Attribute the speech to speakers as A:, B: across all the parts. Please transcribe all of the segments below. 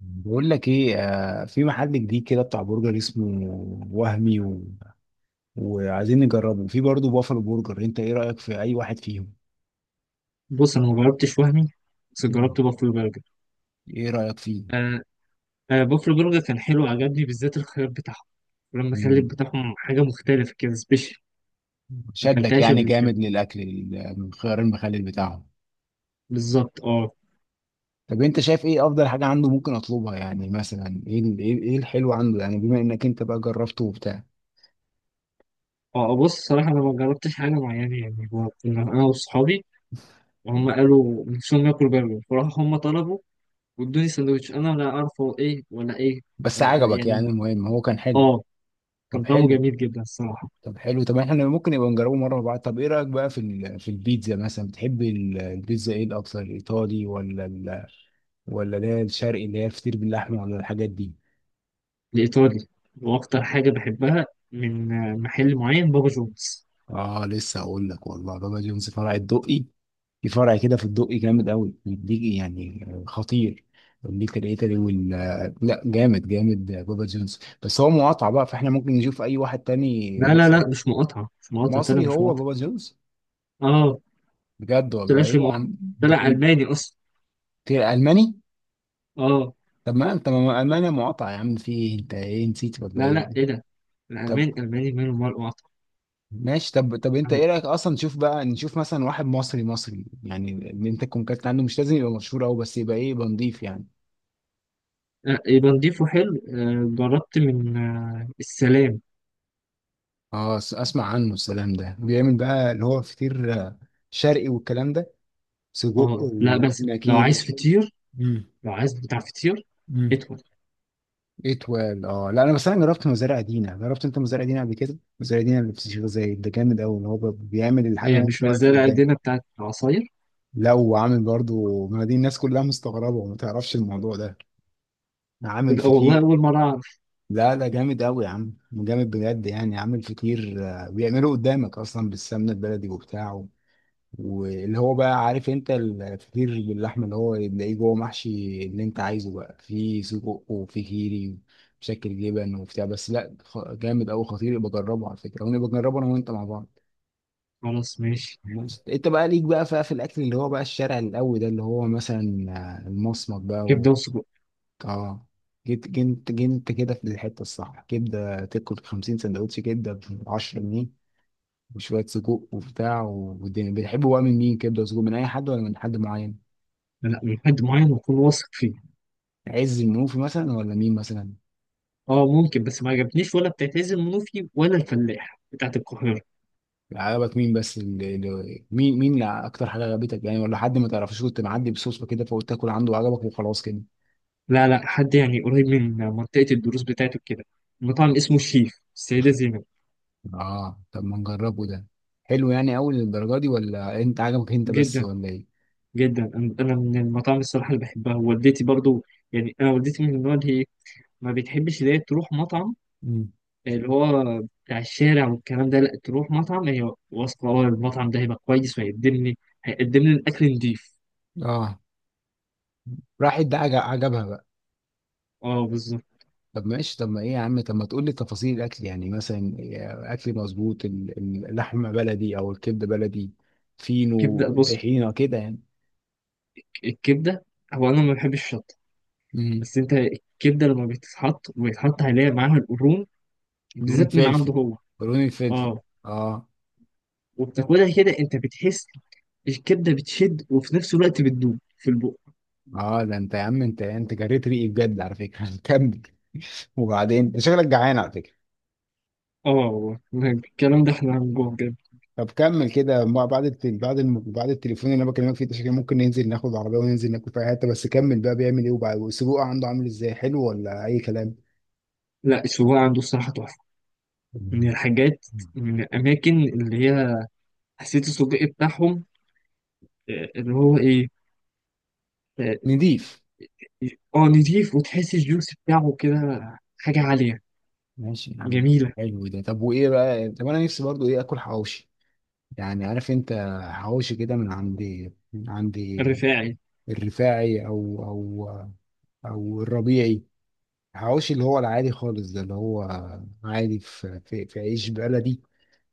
A: بقول لك ايه، في محل جديد كده بتاع برجر اسمه وهمي وعايزين نجربه، في برضه بافلو برجر. انت ايه رأيك في اي واحد فيهم؟
B: بص، انا ما جربتش وهمي، بس
A: مم.
B: جربت بافلو برجر.
A: ايه رأيك فيه؟
B: آه آه، بافلو برجر كان حلو، عجبني بالذات الخيار بتاعهم. لما كان الخيار
A: مم.
B: بتاعهم حاجه مختلفه كده، سبيشال. ما
A: شدك
B: اكلتهاش
A: يعني
B: قبل كده،
A: جامد للاكل، من خيار المخلل بتاعهم؟
B: بالظبط. اه.
A: طب انت شايف ايه افضل حاجة عنده ممكن اطلبها؟ يعني مثلا ايه إيه الحلو عنده، يعني بما انك انت بقى جربته وبتاع.
B: بص، صراحه انا ما جربتش حاجه معينه يعني. هو كنا انا واصحابي، وهم قالوا نفسهم ياكلوا برجر، فراحوا هم طلبوا وادوني سندوتش، انا ولا اعرف هو ايه ولا ايه
A: بس
B: ولا إيه،
A: عجبك
B: يعني.
A: يعني، المهم هو كان حلو.
B: اه، كان
A: طب
B: طعمه
A: حلو.
B: جميل جدا الصراحه.
A: طب حلو، طب احنا ممكن نبقى نجربه مره مع بعض. طب ايه رايك بقى في البيتزا مثلا؟ بتحب البيتزا ايه الاكثر، الايطالي ولا ولا اللي هي الشرقي، اللي هي الفطير باللحمه ولا الحاجات دي؟
B: الايطالي، واكتر حاجه بحبها من محل معين، بابا جونز.
A: اه لسه اقول لك، والله بابا جونز فرع الدقي. في فرع كده في الدقي جامد قوي، بيديك يعني خطير. بيديك الايطالي وال، لا جامد جامد بابا جونز، بس هو مقاطعه بقى فاحنا ممكن نشوف اي واحد تاني
B: لا لا
A: مصري.
B: لا، مش مقاطعة، مش مقاطعة، طلع
A: مصري
B: مش
A: هو
B: مقاطعة.
A: بابا جونز؟
B: اه،
A: بجد والله؟
B: طلعش
A: ايه يا
B: مقاطعة،
A: عم، ده
B: طلع
A: كان-
B: ألماني أصلا.
A: ده الماني؟
B: اه.
A: طب ما انت ما انا مقاطع يا عم، في ايه، انت ايه نسيت ولا
B: لا
A: ايه؟
B: لا، إيه ده،
A: طب
B: الألماني ألماني، ماله مال مقاطعة.
A: ماشي. طب انت ايه
B: أم-
A: رايك اصلا نشوف بقى، نشوف مثلا واحد مصري مصري، يعني اللي انت تكون كاتب عنه مش لازم يبقى مشهور قوي، بس يبقى ايه، يبقى نضيف يعني.
B: يبقى نضيفه، حلو. جربت من السلام.
A: اه اسمع عنه، السلام ده بيعمل بقى اللي هو فطير، شرقي والكلام ده، سجق
B: اه لا، بس
A: وجبنه كيري وكده. امم
B: لو عايز بتاع فطير،
A: امم
B: ادخل.
A: اتوال، اه لا انا بس انا جربت مزارع دينا. جربت انت مزارع دينا قبل كده؟ مزارع دينا اللي في الشيخ زايد ده جامد قوي، اللي هو بيعمل الحاجه
B: هي مش
A: وانت واقف
B: مزالة
A: قدام.
B: قدنا بتاعت عصاير.
A: لا وعامل برضو، ما دي الناس كلها مستغربة وما تعرفش الموضوع ده. عامل
B: لا، والله
A: فطير.
B: أول مرة أعرف.
A: لا لا جامد قوي يا عم، جامد بجد يعني. عامل فطير، بيعمله قدامك اصلا بالسمنة البلدي وبتاعه. واللي هو بقى عارف انت الفطير باللحمة اللي هو بتلاقيه جوه محشي، اللي انت عايزه بقى فيه سجق وفيه كيري بشكل جبن وبتاع. بس لا جامد قوي خطير، يبقى جربه على فكرة ونبقى نجربه انا وانت مع بعض.
B: خلاص ماشي.
A: بس انت بقى ليك بقى في الاكل اللي هو بقى الشارع القوي ده، اللي هو مثلا المصمت بقى.
B: كبدة وسجق.
A: اه جيت جنت جنت كده في الحته الصح، كبده تاكل 50 سندوتش كبده ب 10 جنيه وشويه سجق وبتاع، والدنيا بيحبوا بقى من مين؟ كبده وسجق من اي حد ولا من حد معين؟
B: لا، من حد معين أكون واثق فيه.
A: عز المنوفي مثلا ولا مين مثلا؟
B: اه، ممكن، بس ما عجبتنيش ولا بتاعت عز المنوفي ولا الفلاح بتاعت القاهرة.
A: عجبك مين بس، مين اللي اكتر حاجه عجبتك يعني؟ ولا حد ما تعرفش، كنت معدي بصوصه كده فقلت تاكل عنده وعجبك وخلاص كده.
B: لا لا، حد يعني قريب من منطقة الدروس بتاعته كده، مطعم اسمه الشيف السيدة زينب.
A: اه طب ما نجربه ده. حلو يعني اول للدرجه دي، ولا انت عجبك انت بس
B: جدا
A: ولا ايه؟
B: جدا، أنا من المطاعم الصراحة اللي بحبها، ووالدتي برضو. يعني أنا والدتي من النوع اللي هي ما بتحبش اللي هي تروح مطعم
A: مم.
B: اللي هو بتاع الشارع والكلام ده. لا، تروح مطعم هي واثقة أه المطعم ده هيبقى كويس وهيقدم لي، هيقدم لي الأكل نضيف.
A: اه راحت ده، عجبها بقى.
B: أه، بالظبط.
A: طب ماشي. طب ما ايه يا عم، طب ما تقول لي تفاصيل الاكل يعني مثلا. اكل مظبوط، اللحمه بلدي او الكبده بلدي، فينو
B: كبدة. بص،
A: طحينه كده يعني.
B: الكبدة، هو أنا ما بحبش الشطة،
A: امم
B: بس أنت الكبدة لما بتتحط ويتحط عليها معاها القرون
A: قولون
B: بالذات من
A: فلفل
B: عنده هو.
A: قولون الفلفل.
B: اه،
A: اه.
B: وبتاكلها كده انت بتحس الكبده بتشد وفي نفس الوقت بتدوب في البق.
A: اه ده انت يا عم، انت انت جريت ريقي بجد على فكره كمل. وبعدين انت شكلك جعان على فكره.
B: اه، والله الكلام ده احنا هنجوع بجد.
A: طب كمل كده، بعد التليفون اللي انا بكلمك فيه ده، شكلي ممكن ننزل ناخد العربيه وننزل ناكل في حته. بس كمل بقى، بيعمل ايه وبعد، والسجق عنده عامل ازاي، حلو ولا اي كلام؟
B: لا، السجق عنده الصراحه تحفه، من
A: مم.
B: الحاجات، من الاماكن اللي هي، حسيت السجق بتاعهم، اللي هو ايه، اه
A: نضيف.
B: نضيف، وتحس الجوس بتاعه كده حاجه عاليه
A: ماشي يا عم.
B: جميله.
A: حلو ده. طب وايه بقى، طب انا نفسي برضو ايه اكل حواوشي. يعني عارف انت حواوشي كده من عندي من عندي
B: رفاعي،
A: الرفاعي او او الربيعي. حواوشي اللي هو العادي خالص ده، اللي هو عادي في عيش بلدي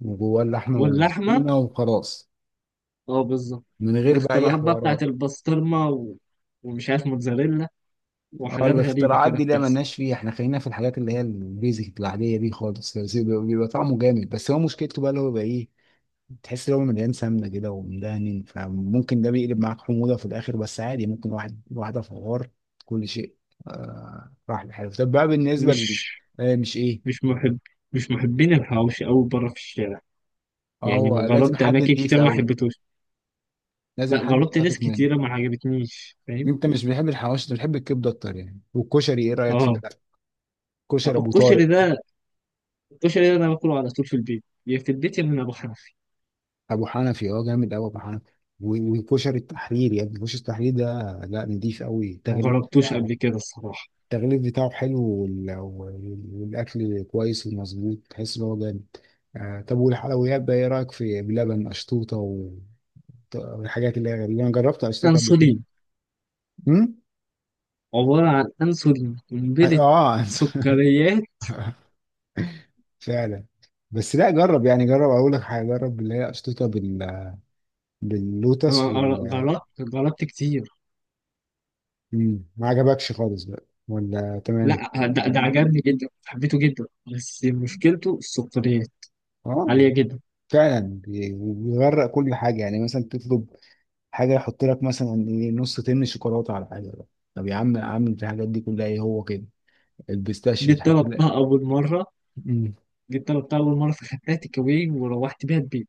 A: وجواه اللحمه
B: واللحمه،
A: وطحينه وخلاص،
B: اه، بالظبط.
A: من غير بقى اي
B: الاختراعات بقى
A: حوارات.
B: بتاعت البسطرمه، و... ومش عارف، موتزاريلا،
A: اه
B: وحاجات غريبه
A: الاختراعات
B: كده
A: دي لا
B: بتحصل.
A: ملناش فيها، احنا خلينا في الحاجات اللي هي البيزك العاديه دي خالص، بيبقى طعمه جامد. بس هو مشكلته بقى اللي هو بقى ايه، تحس ان هو مليان سمنه كده ومدهن، فممكن ده بيقلب معاك حموضه في الاخر. بس عادي ممكن واحد واحده فوار كل شيء آه راح لحاله. طب بقى بالنسبه
B: مش
A: آه مش ايه.
B: مش محب مش محبين الحواوشي أوي برا في الشارع،
A: اه
B: يعني.
A: هو
B: أنا
A: لازم
B: جربت
A: حد
B: أماكن
A: نضيف
B: كتير ما
A: قوي،
B: حبيتهوش.
A: لازم
B: لا،
A: حد
B: جربت ناس
A: واثق منه.
B: كتيرة ما عجبتنيش، فاهم.
A: انت مش بتحب الحواوشي، انت بتحب الكبده اكتر يعني. والكشري ايه رايك فيه
B: اه.
A: بقى؟ كشري ابو
B: الكشري
A: طارق.
B: ده الكشري ده أنا باكله على طول في البيت، يا من أبو حنفي.
A: ابو حنفي، اه جامد قوي ابو حنفي. وكشري التحرير يعني، كشري التحرير ده لا نضيف قوي
B: ما
A: التغليف
B: جربتوش
A: بتاعه.
B: قبل كده الصراحة.
A: التغليف بتاعه حلو، والاكل كويس ومظبوط، تحس ان هو جامد. آه طب والحلويات بقى، ايه رايك في بلبن اشطوطه والحاجات اللي هي غريبه. انا جربت اشطوطه قبل كده.
B: أنسولين،
A: امم
B: عبارة عن أنسولين قنبلة،
A: اه.
B: سكريات.
A: فعلا. بس لا جرب، يعني جرب اقول لك حاجه، جرب اللي هي اشطوطه بال باللوتس
B: أنا
A: وال.
B: جربت كتير.
A: مم، ما عجبكش خالص بقى ولا تمام؟
B: لا، ده عجبني جدا، حبيته جدا، بس مشكلته السكريات
A: اه
B: عالية جدا.
A: فعلا، بيغرق كل حاجه يعني، مثلا تطلب حاجه يحط لك مثلا إيه نص تن شوكولاته على حاجه بقى. طب يا عم، يا عم في الحاجات دي كلها ايه، هو كده البيستاشيو
B: دي
A: بتحط لك.
B: طلبتها أول مرة.
A: امم
B: في خدتي كوي وروحت بيها البيت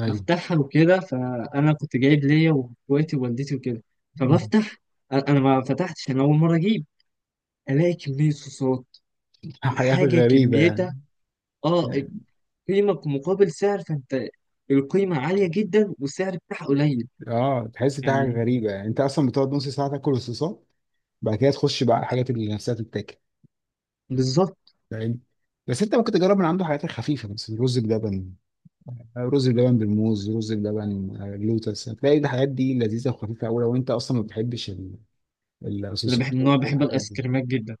A: ايوه.
B: بفتحها وكده، فأنا كنت جايب ليا وإخواتي ووالدتي وكده
A: مم.
B: فبفتح. أنا ما فتحتش، أنا أول مرة أجيب ألاقي كمية صوصات،
A: حاجات
B: الحاجة
A: غريبه
B: كميتها.
A: يعني.
B: أه، القيمة مقابل سعر، فأنت القيمة عالية جدا والسعر بتاعها قليل،
A: اه تحس في حاجه
B: يعني،
A: غريبه يعني، انت اصلا بتقعد نص ساعه تاكل الصوصات، بعد كده تخش بقى على الحاجات اللي نفسها تتاكل.
B: بالظبط.
A: فاهم. بس انت ممكن تجرب من عنده حاجات خفيفه بس، رز بلبن. رز بلبن بالموز، رز بلبن لوتس، هتلاقي الحاجات دي لذيذه وخفيفه قوي لو انت اصلا ما بتحبش
B: أنا
A: الصوصات
B: بحب
A: والحاجات
B: الآيس
A: دي.
B: كريمات جدا.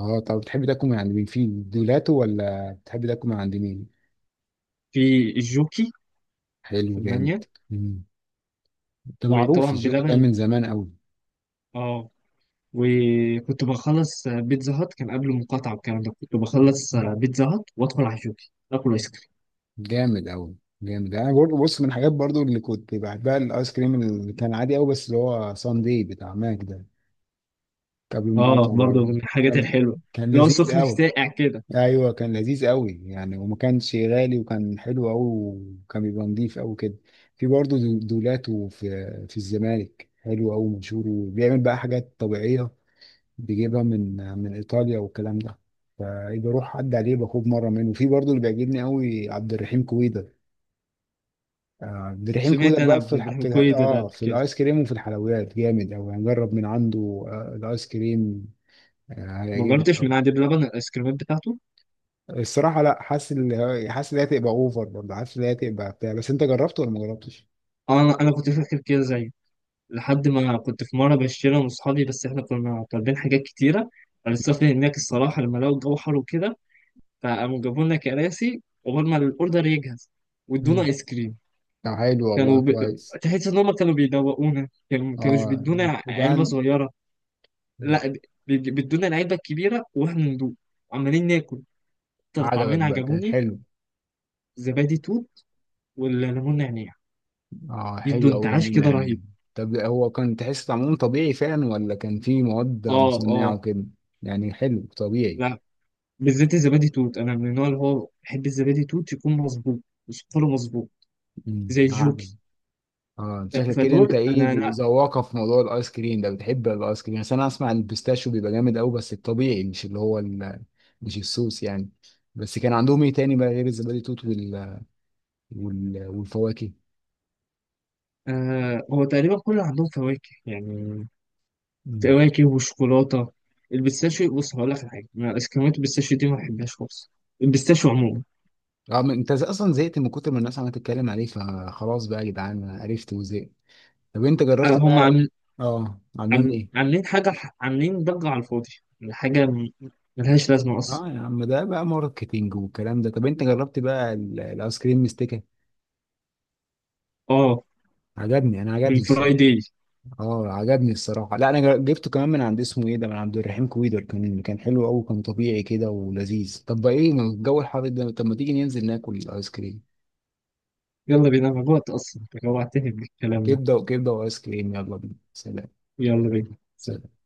A: اه طب بتحب تاكل من عند مين، في دولاته ولا بتحب تاكل من عند مين؟
B: في الجوكي،
A: حلو
B: في
A: جامد.
B: المانيا.
A: مم. ده معروف
B: وطبعا
A: الجوكر ده
B: بلبن.
A: من زمان قوي.
B: اه، وكنت بخلص بيتزا هات، كان قبل المقاطعة والكلام ده، كنت بخلص بيتزا هات وادخل على جوكي اكل ايس كريم.
A: جامد قوي. جامد، انا برضه بص من الحاجات برضه اللي كنت بحبها الايس كريم اللي كان عادي قوي، بس اللي هو ساندي بتاع ماك ده قبل
B: اه،
A: المقاطعه
B: برضه
A: برضه.
B: من الحاجات
A: كان
B: الحلوة،
A: كان
B: اللي هو
A: لذيذ
B: سخن
A: قوي.
B: ساقع كده.
A: ايوه كان لذيذ قوي يعني، وما كانش غالي وكان حلو قوي، وكان بيبقى نضيف قوي كده. في برضه دولاته في الزمالك حلو قوي مشهور، وبيعمل بقى حاجات طبيعيه، بيجيبها من ايطاليا والكلام ده، فاجي اروح اعدي عليه باخد مره منه. وفي برضه اللي بيعجبني قوي عبد الرحيم كويدر. عبد الرحيم
B: سمعت
A: كويدر
B: انا
A: بقى
B: عبد الرحمن كوي ده قبل
A: في
B: كده.
A: الايس كريم وفي الحلويات جامد قوي، هنجرب من عنده آه الايس كريم. آه
B: ما
A: هيعجبك
B: جربتش من
A: قوي.
B: عند بلبن الايس كريمات بتاعته.
A: الصراحه لا حاسس ان هي هتبقى اوفر برضه، حاسس ان هي هتبقى بتاع. بس انت جربته ولا ما جربتش؟
B: انا كنت فاكر كده زيه، لحد ما كنت في مرة بشتري انا واصحابي، بس احنا كنا طالبين حاجات كتيرة، السفر هناك الصراحة، لما لقوا الجو حر وكده فقاموا جابوا لنا كراسي قبل ما الاوردر يجهز، وادونا
A: مم.
B: ايس كريم.
A: طب حلو
B: كانوا
A: والله
B: ب...
A: كويس.
B: تحس ان هم كانوا بيدوقونا، كانوا ما كانوش
A: اه
B: بيدونا علبه
A: وبان.
B: صغيره، لا، بيدونا العلبه الكبيره واحنا ندوق، عمالين ناكل. اكتر
A: عجبك
B: طعمين
A: بقى، كان
B: عجبوني،
A: حلو.
B: زبادي توت والليمون نعناع،
A: اه
B: يدوا
A: حلو أوي
B: انتعاش
A: ليمون
B: كده رهيب.
A: يعني. طب هو كان تحس طعمه طبيعي فعلا، ولا كان فيه مواد
B: اه
A: مصنعة
B: اه.
A: وكده؟ يعني حلو طبيعي.
B: لا، بالذات الزبادي توت، انا من النوع اللي هو بحب الزبادي توت يكون مظبوط وسكره مظبوط، زي
A: عادي.
B: الجوكي.
A: اه شكلك كده، انت
B: فدول
A: ايه
B: انا لا.
A: ذواقة في موضوع الايس كريم ده، بتحب الايس كريم. بس انا اسمع ان البيستاشيو بيبقى جامد قوي بس الطبيعي، مش اللي هو مش الصوص يعني. بس كان عندهم ايه تاني بقى غير الزبادي توت والفواكه؟
B: آه، هو تقريبا كل عندهم فواكه يعني،
A: امم
B: كواكب وشوكولاته. البيستاشيو، بص هقول لك على حاجه، أنا اسكريمات البيستاشيو دي ما بحبهاش خالص، البيستاشيو عموما.
A: اه. ما انت اصلا زهقت من كتر ما الناس عماله تتكلم عليه، فخلاص بقى يا جدعان، عرفت وزهقت. طب انت
B: آه،
A: جربت
B: هم
A: بقى؟
B: عامل
A: اه عاملين
B: عامل-
A: ايه.
B: عاملين حاجه ح- عاملين ضجه على الفاضي، يعني ملهاش لازمه اصلا.
A: اه يا عم ده بقى ماركتينج والكلام ده. طب انت جربت بقى الايس كريم مستكه؟
B: اه،
A: عجبني، انا
B: من
A: عجبني الصراحه.
B: فرايداي.
A: اه عجبني الصراحه، لا انا جبته كمان من عند اسمه ايه ده، من عبد الرحيم كويدر، كان حلو قوي، كان طبيعي كده ولذيذ. طب بقى ايه، ما الجو الحر ده، طب ما تيجي ننزل ناكل الايس كريم.
B: يلا بينا، انا جوعت اصلا، انت جوعتني بالكلام ده.
A: كبده وكبده وايس كريم، يلا بينا. سلام.
B: يلا بينا.
A: سلام.